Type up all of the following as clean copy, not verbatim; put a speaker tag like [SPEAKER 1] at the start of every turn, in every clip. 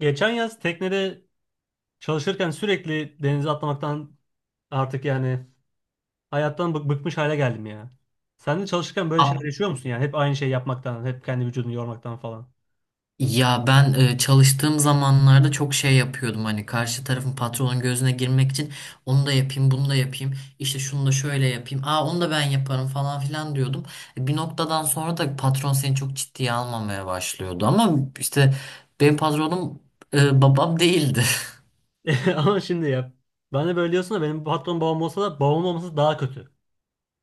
[SPEAKER 1] Geçen yaz teknede çalışırken sürekli denize atlamaktan artık yani hayattan bıkmış hale geldim ya. Sen de çalışırken böyle şeyler
[SPEAKER 2] A-
[SPEAKER 1] yaşıyor musun yani? Hep aynı şeyi yapmaktan, hep kendi vücudunu yormaktan falan.
[SPEAKER 2] Ya ben çalıştığım zamanlarda çok şey yapıyordum, hani karşı tarafın, patronun gözüne girmek için onu da yapayım, bunu da yapayım, işte şunu da şöyle yapayım, onu da ben yaparım falan filan diyordum. Bir noktadan sonra da patron seni çok ciddiye almamaya başlıyordu, ama işte benim patronum babam değildi.
[SPEAKER 1] Ama şimdi ya. Ben de böyle diyorsun da benim patron babam olsa da babam olması daha kötü.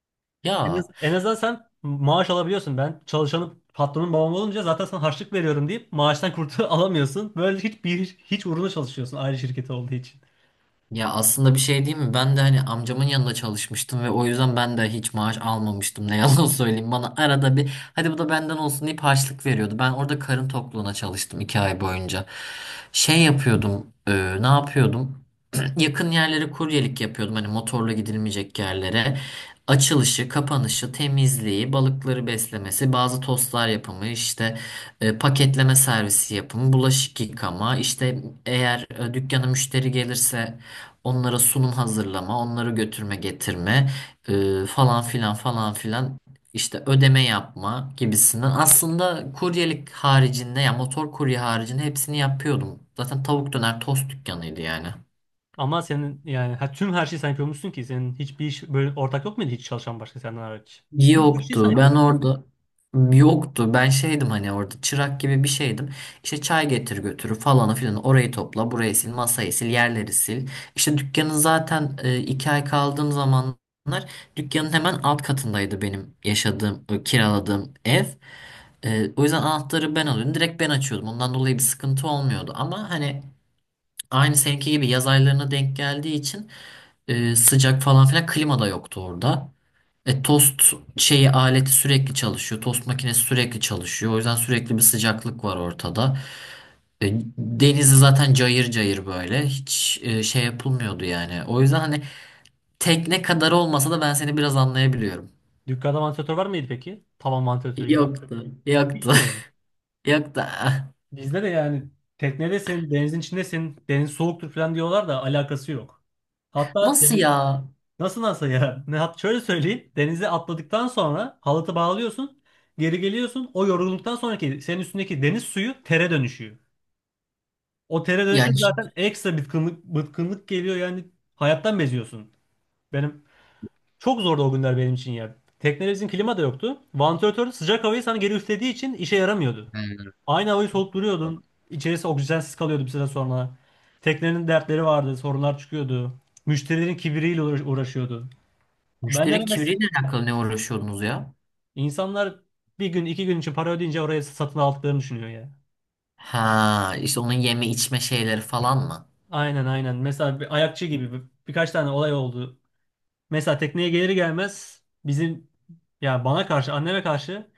[SPEAKER 1] En, az,
[SPEAKER 2] Ya.
[SPEAKER 1] en azından sen maaş alabiliyorsun. Ben çalışanım, patronun babam olunca zaten sana harçlık veriyorum deyip maaştan alamıyorsun. Böyle hiç uğruna çalışıyorsun aile şirketi olduğu için.
[SPEAKER 2] Ya aslında bir şey değil mi? Ben de hani amcamın yanında çalışmıştım ve o yüzden ben de hiç maaş almamıştım. Ne yalan söyleyeyim. Bana arada bir, hadi bu da benden olsun, deyip harçlık veriyordu. Ben orada karın tokluğuna çalıştım iki ay boyunca. Şey yapıyordum. Ne yapıyordum? Yakın yerlere kuryelik yapıyordum. Hani motorla gidilmeyecek yerlere. Açılışı, kapanışı, temizliği, balıkları beslemesi, bazı tostlar yapımı, işte paketleme servisi yapımı, bulaşık yıkama, işte eğer dükkana müşteri gelirse onlara sunum hazırlama, onları götürme getirme, falan filan falan filan, işte ödeme yapma gibisinden. Aslında kuryelik haricinde, ya motor kurye haricinde hepsini yapıyordum. Zaten tavuk döner tost dükkanıydı yani.
[SPEAKER 1] Ama senin yani ha, tüm her şeyi sen yapıyormuşsun ki senin hiçbir iş böyle ortak yok muydu, hiç çalışan başka senden hariç? Tüm her şeyi sen
[SPEAKER 2] Yoktu. Ben
[SPEAKER 1] yapıyorsun çünkü.
[SPEAKER 2] orada yoktu. Ben şeydim, hani orada çırak gibi bir şeydim. İşte çay getir götürü falanı filan. Orayı topla, burayı sil, masayı sil, yerleri sil. İşte dükkanın, zaten iki ay kaldığım zamanlar dükkanın hemen alt katındaydı benim yaşadığım, kiraladığım ev. O yüzden anahtarı ben alıyordum. Direkt ben açıyordum. Ondan dolayı bir sıkıntı olmuyordu. Ama hani aynı seninki gibi yaz aylarına denk geldiği için sıcak falan filan, klima da yoktu orada. Tost şeyi, aleti sürekli çalışıyor. Tost makinesi sürekli çalışıyor. O yüzden sürekli bir sıcaklık var ortada. E, denizi zaten cayır cayır böyle. Hiç şey yapılmıyordu yani. O yüzden hani tekne kadar olmasa da ben seni biraz anlayabiliyorum.
[SPEAKER 1] Dükkanda vantilatör var mıydı peki? Tavan vantilatörü gibi.
[SPEAKER 2] Yoktu. Yoktu.
[SPEAKER 1] Hiç mi yani?
[SPEAKER 2] Yoktu.
[SPEAKER 1] Bizde de yani teknedesin, denizin içindesin, deniz soğuktur falan diyorlar da alakası yok. Hatta
[SPEAKER 2] Nasıl
[SPEAKER 1] deniz,
[SPEAKER 2] ya?
[SPEAKER 1] nasıl ya? Ne hat Şöyle söyleyeyim. Denize atladıktan sonra halatı bağlıyorsun, geri geliyorsun. O yorgunluktan sonraki senin üstündeki deniz suyu tere dönüşüyor. Otele dönüşün
[SPEAKER 2] Yani
[SPEAKER 1] zaten ekstra bıkkınlık geliyor yani, hayattan beziyorsun. Benim çok zordu o günler benim için ya. Teknemizin klima da yoktu. Vantilatör sıcak havayı sana geri üflediği için işe yaramıyordu. Aynı havayı solup duruyordun. İçerisi oksijensiz kalıyordu bir süre sonra. Teknenin dertleri vardı, sorunlar çıkıyordu. Müşterilerin kibiriyle uğraşıyordu. Ben de
[SPEAKER 2] müşterinin
[SPEAKER 1] mes
[SPEAKER 2] kimliğiyle alakalı ne uğraşıyordunuz ya?
[SPEAKER 1] insanlar bir gün iki gün için para ödeyince oraya satın aldıklarını düşünüyor ya.
[SPEAKER 2] Ha, işte onun yeme içme şeyleri falan mı?
[SPEAKER 1] Aynen aynen. Mesela bir ayakçı gibi birkaç tane olay oldu. Mesela tekneye gelir gelmez bizim, ya bana karşı anneme karşı,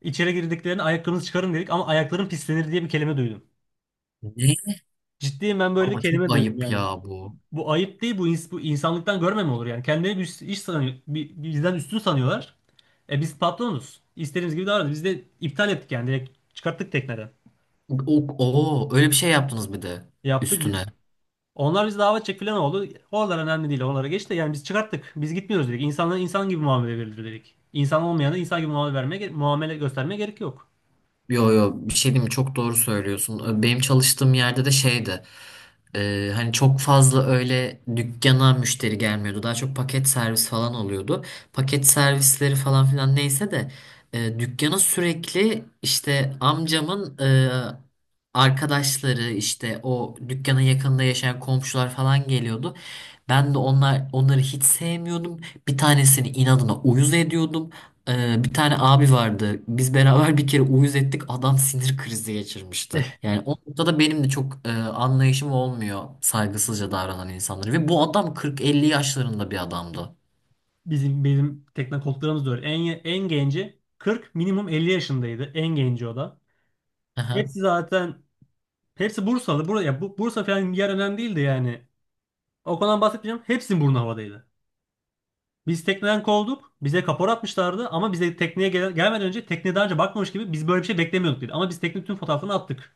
[SPEAKER 1] içeri girdiklerinde ayaklarınızı çıkarın dedik ama ayakların pislenir diye bir kelime duydum.
[SPEAKER 2] Ne?
[SPEAKER 1] Ciddiyim, ben böyle bir
[SPEAKER 2] Ama çok
[SPEAKER 1] kelime duydum
[SPEAKER 2] ayıp
[SPEAKER 1] yani.
[SPEAKER 2] ya bu.
[SPEAKER 1] Bu ayıp değil, bu bu insanlıktan görme mi olur yani? Kendileri bir iş sanıyor, bizden üstün sanıyorlar. E biz patronuz. İstediğimiz gibi davranıyoruz. Biz de iptal ettik yani, direkt çıkarttık tekneden.
[SPEAKER 2] O öyle bir şey yaptınız bir de
[SPEAKER 1] Yaptık.
[SPEAKER 2] üstüne.
[SPEAKER 1] Onlar bizi davet edecek falan oldu. Oralar önemli değil. Onlara geç de yani, biz çıkarttık. Biz gitmiyoruz dedik. İnsanlara insan gibi muamele verilir dedik. İnsan olmayana insan gibi muamele göstermeye gerek yok.
[SPEAKER 2] Yo, yo, bir şey diyeyim mi? Çok doğru söylüyorsun. Benim çalıştığım yerde de şeydi. Hani çok fazla öyle dükkana müşteri gelmiyordu. Daha çok paket servis falan oluyordu. Paket servisleri falan filan neyse de dükkana sürekli işte amcamın arkadaşları, işte o dükkanın yakınında yaşayan komşular falan geliyordu. Ben de onları hiç sevmiyordum. Bir tanesini inadına uyuz ediyordum. Bir tane abi vardı. Biz beraber bir kere uyuz ettik. Adam sinir krizi geçirmişti. Yani o noktada benim de çok anlayışım olmuyor saygısızca davranan insanlara. Ve bu adam 40-50 yaşlarında bir adamdı.
[SPEAKER 1] Bizim tekne koltuklarımız da öyle. En genci 40, minimum 50 yaşındaydı. En genci o da.
[SPEAKER 2] Aha.
[SPEAKER 1] Hepsi zaten Hepsi Bursalı. Buraya ya bu, Bursa falan bir yer önemli değildi yani. O konudan bahsetmeyeceğim. Hepsinin burnu havadaydı. Biz tekneden kovulduk. Bize kapora atmışlardı ama bize tekneye gelmeden önce, tekneye daha önce bakmamış gibi, biz böyle bir şey beklemiyorduk dedi. Ama biz tekne tüm fotoğraflarını attık.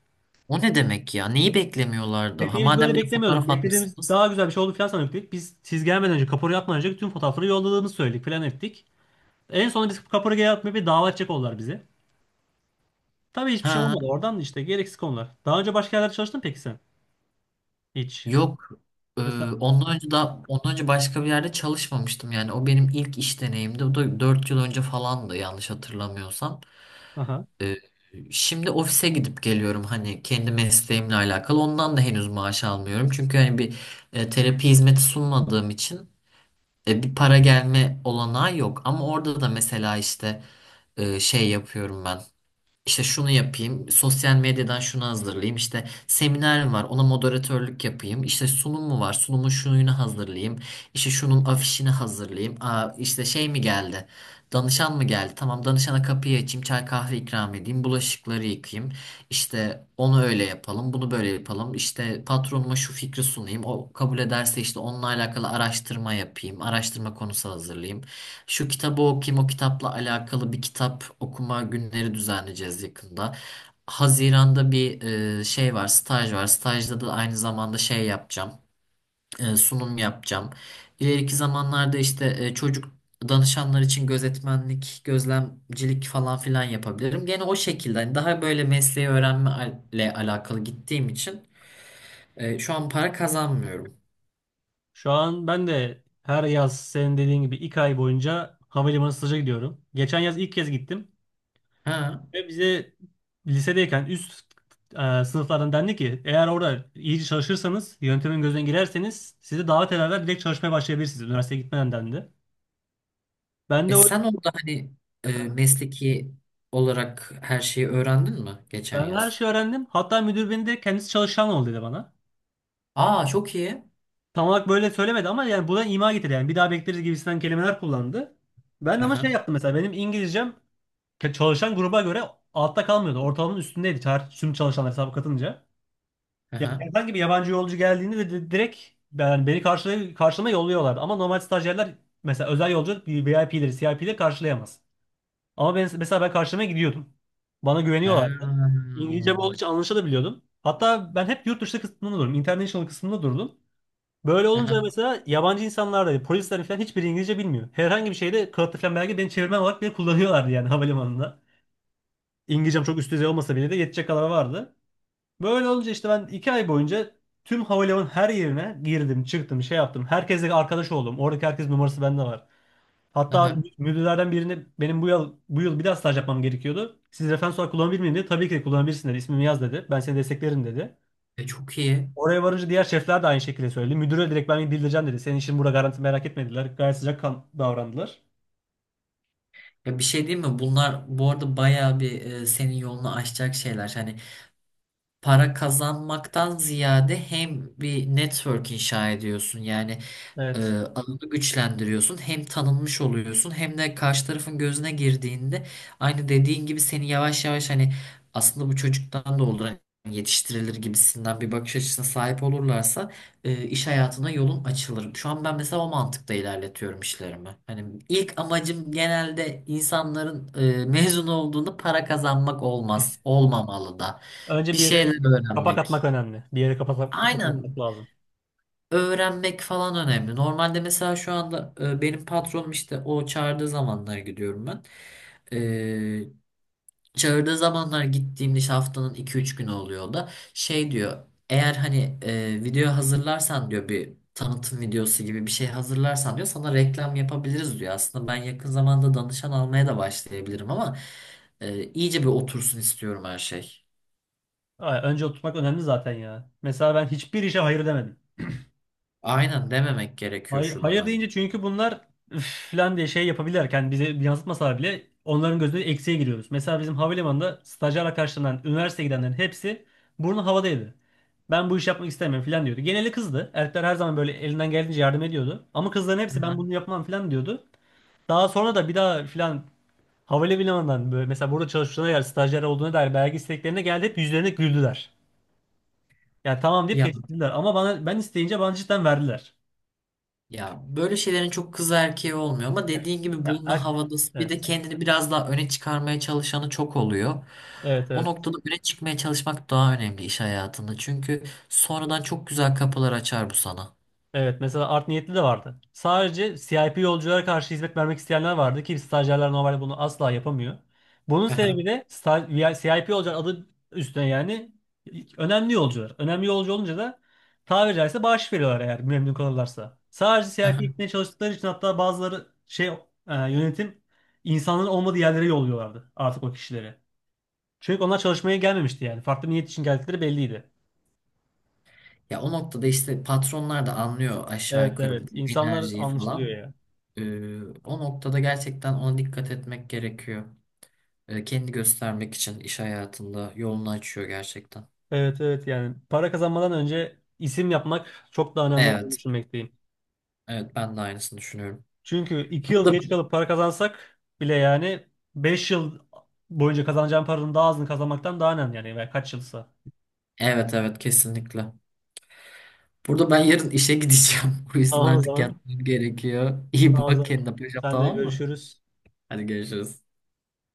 [SPEAKER 2] O ne demek ya? Neyi beklemiyorlardı? Ha,
[SPEAKER 1] Bekleyi
[SPEAKER 2] madem
[SPEAKER 1] böyle
[SPEAKER 2] bir de
[SPEAKER 1] beklemiyorduk,
[SPEAKER 2] fotoğraf
[SPEAKER 1] beklediğimiz
[SPEAKER 2] atmışsınız.
[SPEAKER 1] daha güzel bir şey oldu falan sanıyorduk dedik. Biz siz gelmeden önce, kapora yapmadan önce tüm fotoğrafları yolladığımızı söyledik falan ettik. En sonunda biz kapora geri, bir dava açacak oldular bize. Tabii hiçbir şey
[SPEAKER 2] Ha,
[SPEAKER 1] olmadı. Oradan da işte gereksiz konular. Daha önce başka yerlerde çalıştın peki sen? Hiç.
[SPEAKER 2] yok. Ee,
[SPEAKER 1] Mesela...
[SPEAKER 2] ondan önce başka bir yerde çalışmamıştım yani. O benim ilk iş deneyimdi. O da 4 yıl önce falandı, yanlış hatırlamıyorsam.
[SPEAKER 1] Aha.
[SPEAKER 2] Ee, Şimdi ofise gidip geliyorum, hani kendi mesleğimle alakalı. Ondan da henüz maaş almıyorum. Çünkü hani bir terapi hizmeti sunmadığım için bir para gelme olanağı yok. Ama orada da mesela işte şey yapıyorum ben. İşte şunu yapayım, sosyal medyadan şunu hazırlayayım, işte seminer var, ona moderatörlük yapayım, işte sunum mu var, sunumun şununu hazırlayayım, işte şunun afişini hazırlayayım, işte şey mi geldi, danışan mı geldi, tamam danışana kapıyı açayım, çay kahve ikram edeyim, bulaşıkları yıkayayım, işte onu öyle yapalım, bunu böyle yapalım, işte patronuma şu fikri sunayım, o kabul ederse işte onunla alakalı araştırma yapayım, araştırma konusu hazırlayayım. Şu kitabı okuyayım, o kitapla alakalı bir kitap okuma günleri düzenleyeceğiz yakında. Haziran'da bir şey var, staj var. Stajda da aynı zamanda şey yapacağım, sunum yapacağım. İleriki zamanlarda işte çocuk danışanlar için gözetmenlik, gözlemcilik falan filan yapabilirim. Gene o şekilde, hani daha böyle mesleği öğrenmeyle alakalı gittiğim için şu an para kazanmıyorum.
[SPEAKER 1] Şu an ben de her yaz senin dediğin gibi 2 ay boyunca havalimanı staja gidiyorum. Geçen yaz ilk kez gittim.
[SPEAKER 2] Ha.
[SPEAKER 1] Ve bize lisedeyken üst sınıflardan dendi ki eğer orada iyice çalışırsanız, yöntemin gözüne girerseniz sizi davet ederler, direkt çalışmaya başlayabilirsiniz üniversiteye gitmeden dendi. Ben
[SPEAKER 2] E,
[SPEAKER 1] de o
[SPEAKER 2] sen
[SPEAKER 1] yüzden
[SPEAKER 2] orada hani mesleki olarak her şeyi öğrendin mi geçen
[SPEAKER 1] ben her
[SPEAKER 2] yaz?
[SPEAKER 1] şeyi öğrendim. Hatta müdür beni de kendisi çalışan ol dedi bana.
[SPEAKER 2] Aa, çok iyi.
[SPEAKER 1] Tam olarak böyle söylemedi ama yani bu da ima getirdi yani, bir daha bekleriz gibisinden kelimeler kullandı. Ben de ama şey
[SPEAKER 2] Aha,
[SPEAKER 1] yaptım, mesela benim İngilizcem çalışan gruba göre altta kalmıyordu. Ortalamanın üstündeydi, tüm çalışanlar hesaba katınca. Yani
[SPEAKER 2] aha,
[SPEAKER 1] herhangi bir yabancı yolcu geldiğinde de direkt ben beni karşılama yolluyorlardı. Ama normal stajyerler mesela özel yolcu, bir VIP'leri, CIP'leri karşılayamaz. Ama ben mesela ben karşılamaya gidiyordum. Bana
[SPEAKER 2] ha,
[SPEAKER 1] güveniyorlardı. İngilizcem olduğu için anlaşılabiliyordum. Hatta ben hep yurt dışı kısmında durdum, International kısmında durdum. Böyle olunca
[SPEAKER 2] aha,
[SPEAKER 1] mesela yabancı insanlar da polisler falan hiçbiri İngilizce bilmiyor. Herhangi bir şeyde kağıtlı falan belge, beni çevirmen olarak bile kullanıyorlardı yani havalimanında. İngilizcem çok üst düzey olmasa bile de yetecek kadar vardı. Böyle olunca işte ben 2 ay boyunca tüm havalimanının her yerine girdim, çıktım, şey yaptım. Herkesle arkadaş oldum. Oradaki herkes numarası bende var. Hatta
[SPEAKER 2] aha.
[SPEAKER 1] müdürlerden birine, benim bu yıl bir daha staj yapmam gerekiyordu, siz referans olarak kullanabilir miyim dedi. Tabii ki de kullanabilirsin dedi. İsmimi yaz dedi. Ben seni desteklerim dedi.
[SPEAKER 2] E, çok iyi.
[SPEAKER 1] Oraya varınca diğer şefler de aynı şekilde söyledi. Müdüre direkt ben bildireceğim dedi. Senin işin burada garanti, merak etmediler. Gayet sıcakkan davrandılar.
[SPEAKER 2] Ya bir şey değil mi? Bunlar bu arada bayağı bir, senin yolunu açacak şeyler. Hani para kazanmaktan ziyade hem bir network inşa ediyorsun. Yani Ee,
[SPEAKER 1] Evet.
[SPEAKER 2] alanı güçlendiriyorsun. Hem tanınmış oluyorsun, hem de karşı tarafın gözüne girdiğinde aynı dediğin gibi seni yavaş yavaş, hani aslında bu çocuktan da olur, hani yetiştirilir gibisinden bir bakış açısına sahip olurlarsa iş hayatına yolun açılır. Şu an ben mesela o mantıkta ilerletiyorum işlerimi. Hani ilk amacım genelde insanların mezun olduğunda para kazanmak olmaz. Olmamalı da.
[SPEAKER 1] Önce
[SPEAKER 2] Bir
[SPEAKER 1] bir yere
[SPEAKER 2] şeyler
[SPEAKER 1] kapak atmak
[SPEAKER 2] öğrenmek.
[SPEAKER 1] önemli. Bir yere kapak atmak
[SPEAKER 2] Aynen,
[SPEAKER 1] lazım.
[SPEAKER 2] öğrenmek falan önemli. Normalde mesela şu anda benim patronum, işte o çağırdığı zamanlar gidiyorum ben. E, çağırdığı zamanlar gittiğimde, işte haftanın iki üç günü oluyor, o da şey diyor, eğer hani video hazırlarsan diyor, bir tanıtım videosu gibi bir şey hazırlarsan diyor, sana reklam yapabiliriz diyor. Aslında ben yakın zamanda danışan almaya da başlayabilirim, ama iyice bir otursun istiyorum her şey.
[SPEAKER 1] Ay, önce oturtmak önemli zaten ya. Mesela ben hiçbir işe hayır demedim.
[SPEAKER 2] Aynen, dememek gerekiyor
[SPEAKER 1] Hayır,
[SPEAKER 2] şu
[SPEAKER 1] hayır
[SPEAKER 2] dönem.
[SPEAKER 1] deyince çünkü bunlar, üf falan diye şey yapabilirken bize yansıtmasalar bile, onların gözünde eksiğe giriyoruz. Mesela bizim havalimanında stajyer arkadaşlarından üniversiteye gidenlerin hepsi burnu havadaydı. Ben bu işi yapmak istemiyorum falan diyordu. Geneli kızdı. Erkekler her zaman böyle elinden geldiğince yardım ediyordu. Ama kızların
[SPEAKER 2] Hı
[SPEAKER 1] hepsi ben
[SPEAKER 2] hı.
[SPEAKER 1] bunu yapmam falan diyordu. Daha sonra da bir daha falan havalimanından, böyle mesela burada çalıştığına dair, stajyer olduğuna dair belge isteklerine geldi, hep yüzlerine güldüler. Ya tamam deyip
[SPEAKER 2] Ya.
[SPEAKER 1] geçtiler ama bana, ben isteyince bana cidden verdiler.
[SPEAKER 2] Ya böyle şeylerin çok kız erkeği olmuyor, ama dediğin gibi
[SPEAKER 1] Ya,
[SPEAKER 2] burnu havada, bir de
[SPEAKER 1] evet.
[SPEAKER 2] kendini biraz daha öne çıkarmaya çalışanı çok oluyor.
[SPEAKER 1] Evet
[SPEAKER 2] O
[SPEAKER 1] evet.
[SPEAKER 2] noktada öne çıkmaya çalışmak daha önemli iş hayatında. Çünkü sonradan çok güzel kapılar açar bu sana.
[SPEAKER 1] Evet mesela art niyetli de vardı. Sadece CIP yolculara karşı hizmet vermek isteyenler vardı ki stajyerler normalde bunu asla yapamıyor. Bunun
[SPEAKER 2] Aha.
[SPEAKER 1] sebebi de sta- VI CIP yolcular adı üstüne yani önemli yolcular. Önemli yolcu olunca da tabiri caizse bağış veriyorlar eğer memnun kalırlarsa. Sadece CIP
[SPEAKER 2] Aha.
[SPEAKER 1] gitmeye çalıştıkları için hatta bazıları yönetim insanların olmadığı yerlere yolluyorlardı artık o kişileri. Çünkü onlar çalışmaya gelmemişti yani. Farklı bir niyet için geldikleri belliydi.
[SPEAKER 2] Ya, o noktada işte patronlar da anlıyor aşağı
[SPEAKER 1] Evet
[SPEAKER 2] yukarı
[SPEAKER 1] evet.
[SPEAKER 2] bu
[SPEAKER 1] İnsanlar
[SPEAKER 2] enerjiyi
[SPEAKER 1] anlaşılıyor
[SPEAKER 2] falan.
[SPEAKER 1] ya.
[SPEAKER 2] O noktada gerçekten ona dikkat etmek gerekiyor. Kendi göstermek için iş hayatında yolunu açıyor gerçekten.
[SPEAKER 1] Evet evet, yani para kazanmadan önce isim yapmak çok daha önemli olduğunu
[SPEAKER 2] Evet,
[SPEAKER 1] düşünmekteyim.
[SPEAKER 2] evet ben de aynısını düşünüyorum.
[SPEAKER 1] Çünkü 2 yıl
[SPEAKER 2] Burada
[SPEAKER 1] geç kalıp para kazansak bile yani, 5 yıl boyunca kazanacağım paranın daha azını kazanmaktan daha önemli yani. Veya kaç yılsa.
[SPEAKER 2] Evet, evet, kesinlikle. Burada ben yarın işe gideceğim. O yüzden
[SPEAKER 1] Tamam o
[SPEAKER 2] artık
[SPEAKER 1] zaman.
[SPEAKER 2] yatmam gerekiyor. İyi
[SPEAKER 1] Tamam o
[SPEAKER 2] bak
[SPEAKER 1] zaman.
[SPEAKER 2] kendine paşam,
[SPEAKER 1] Seninle
[SPEAKER 2] tamam mı?
[SPEAKER 1] görüşürüz.
[SPEAKER 2] Hadi, görüşürüz.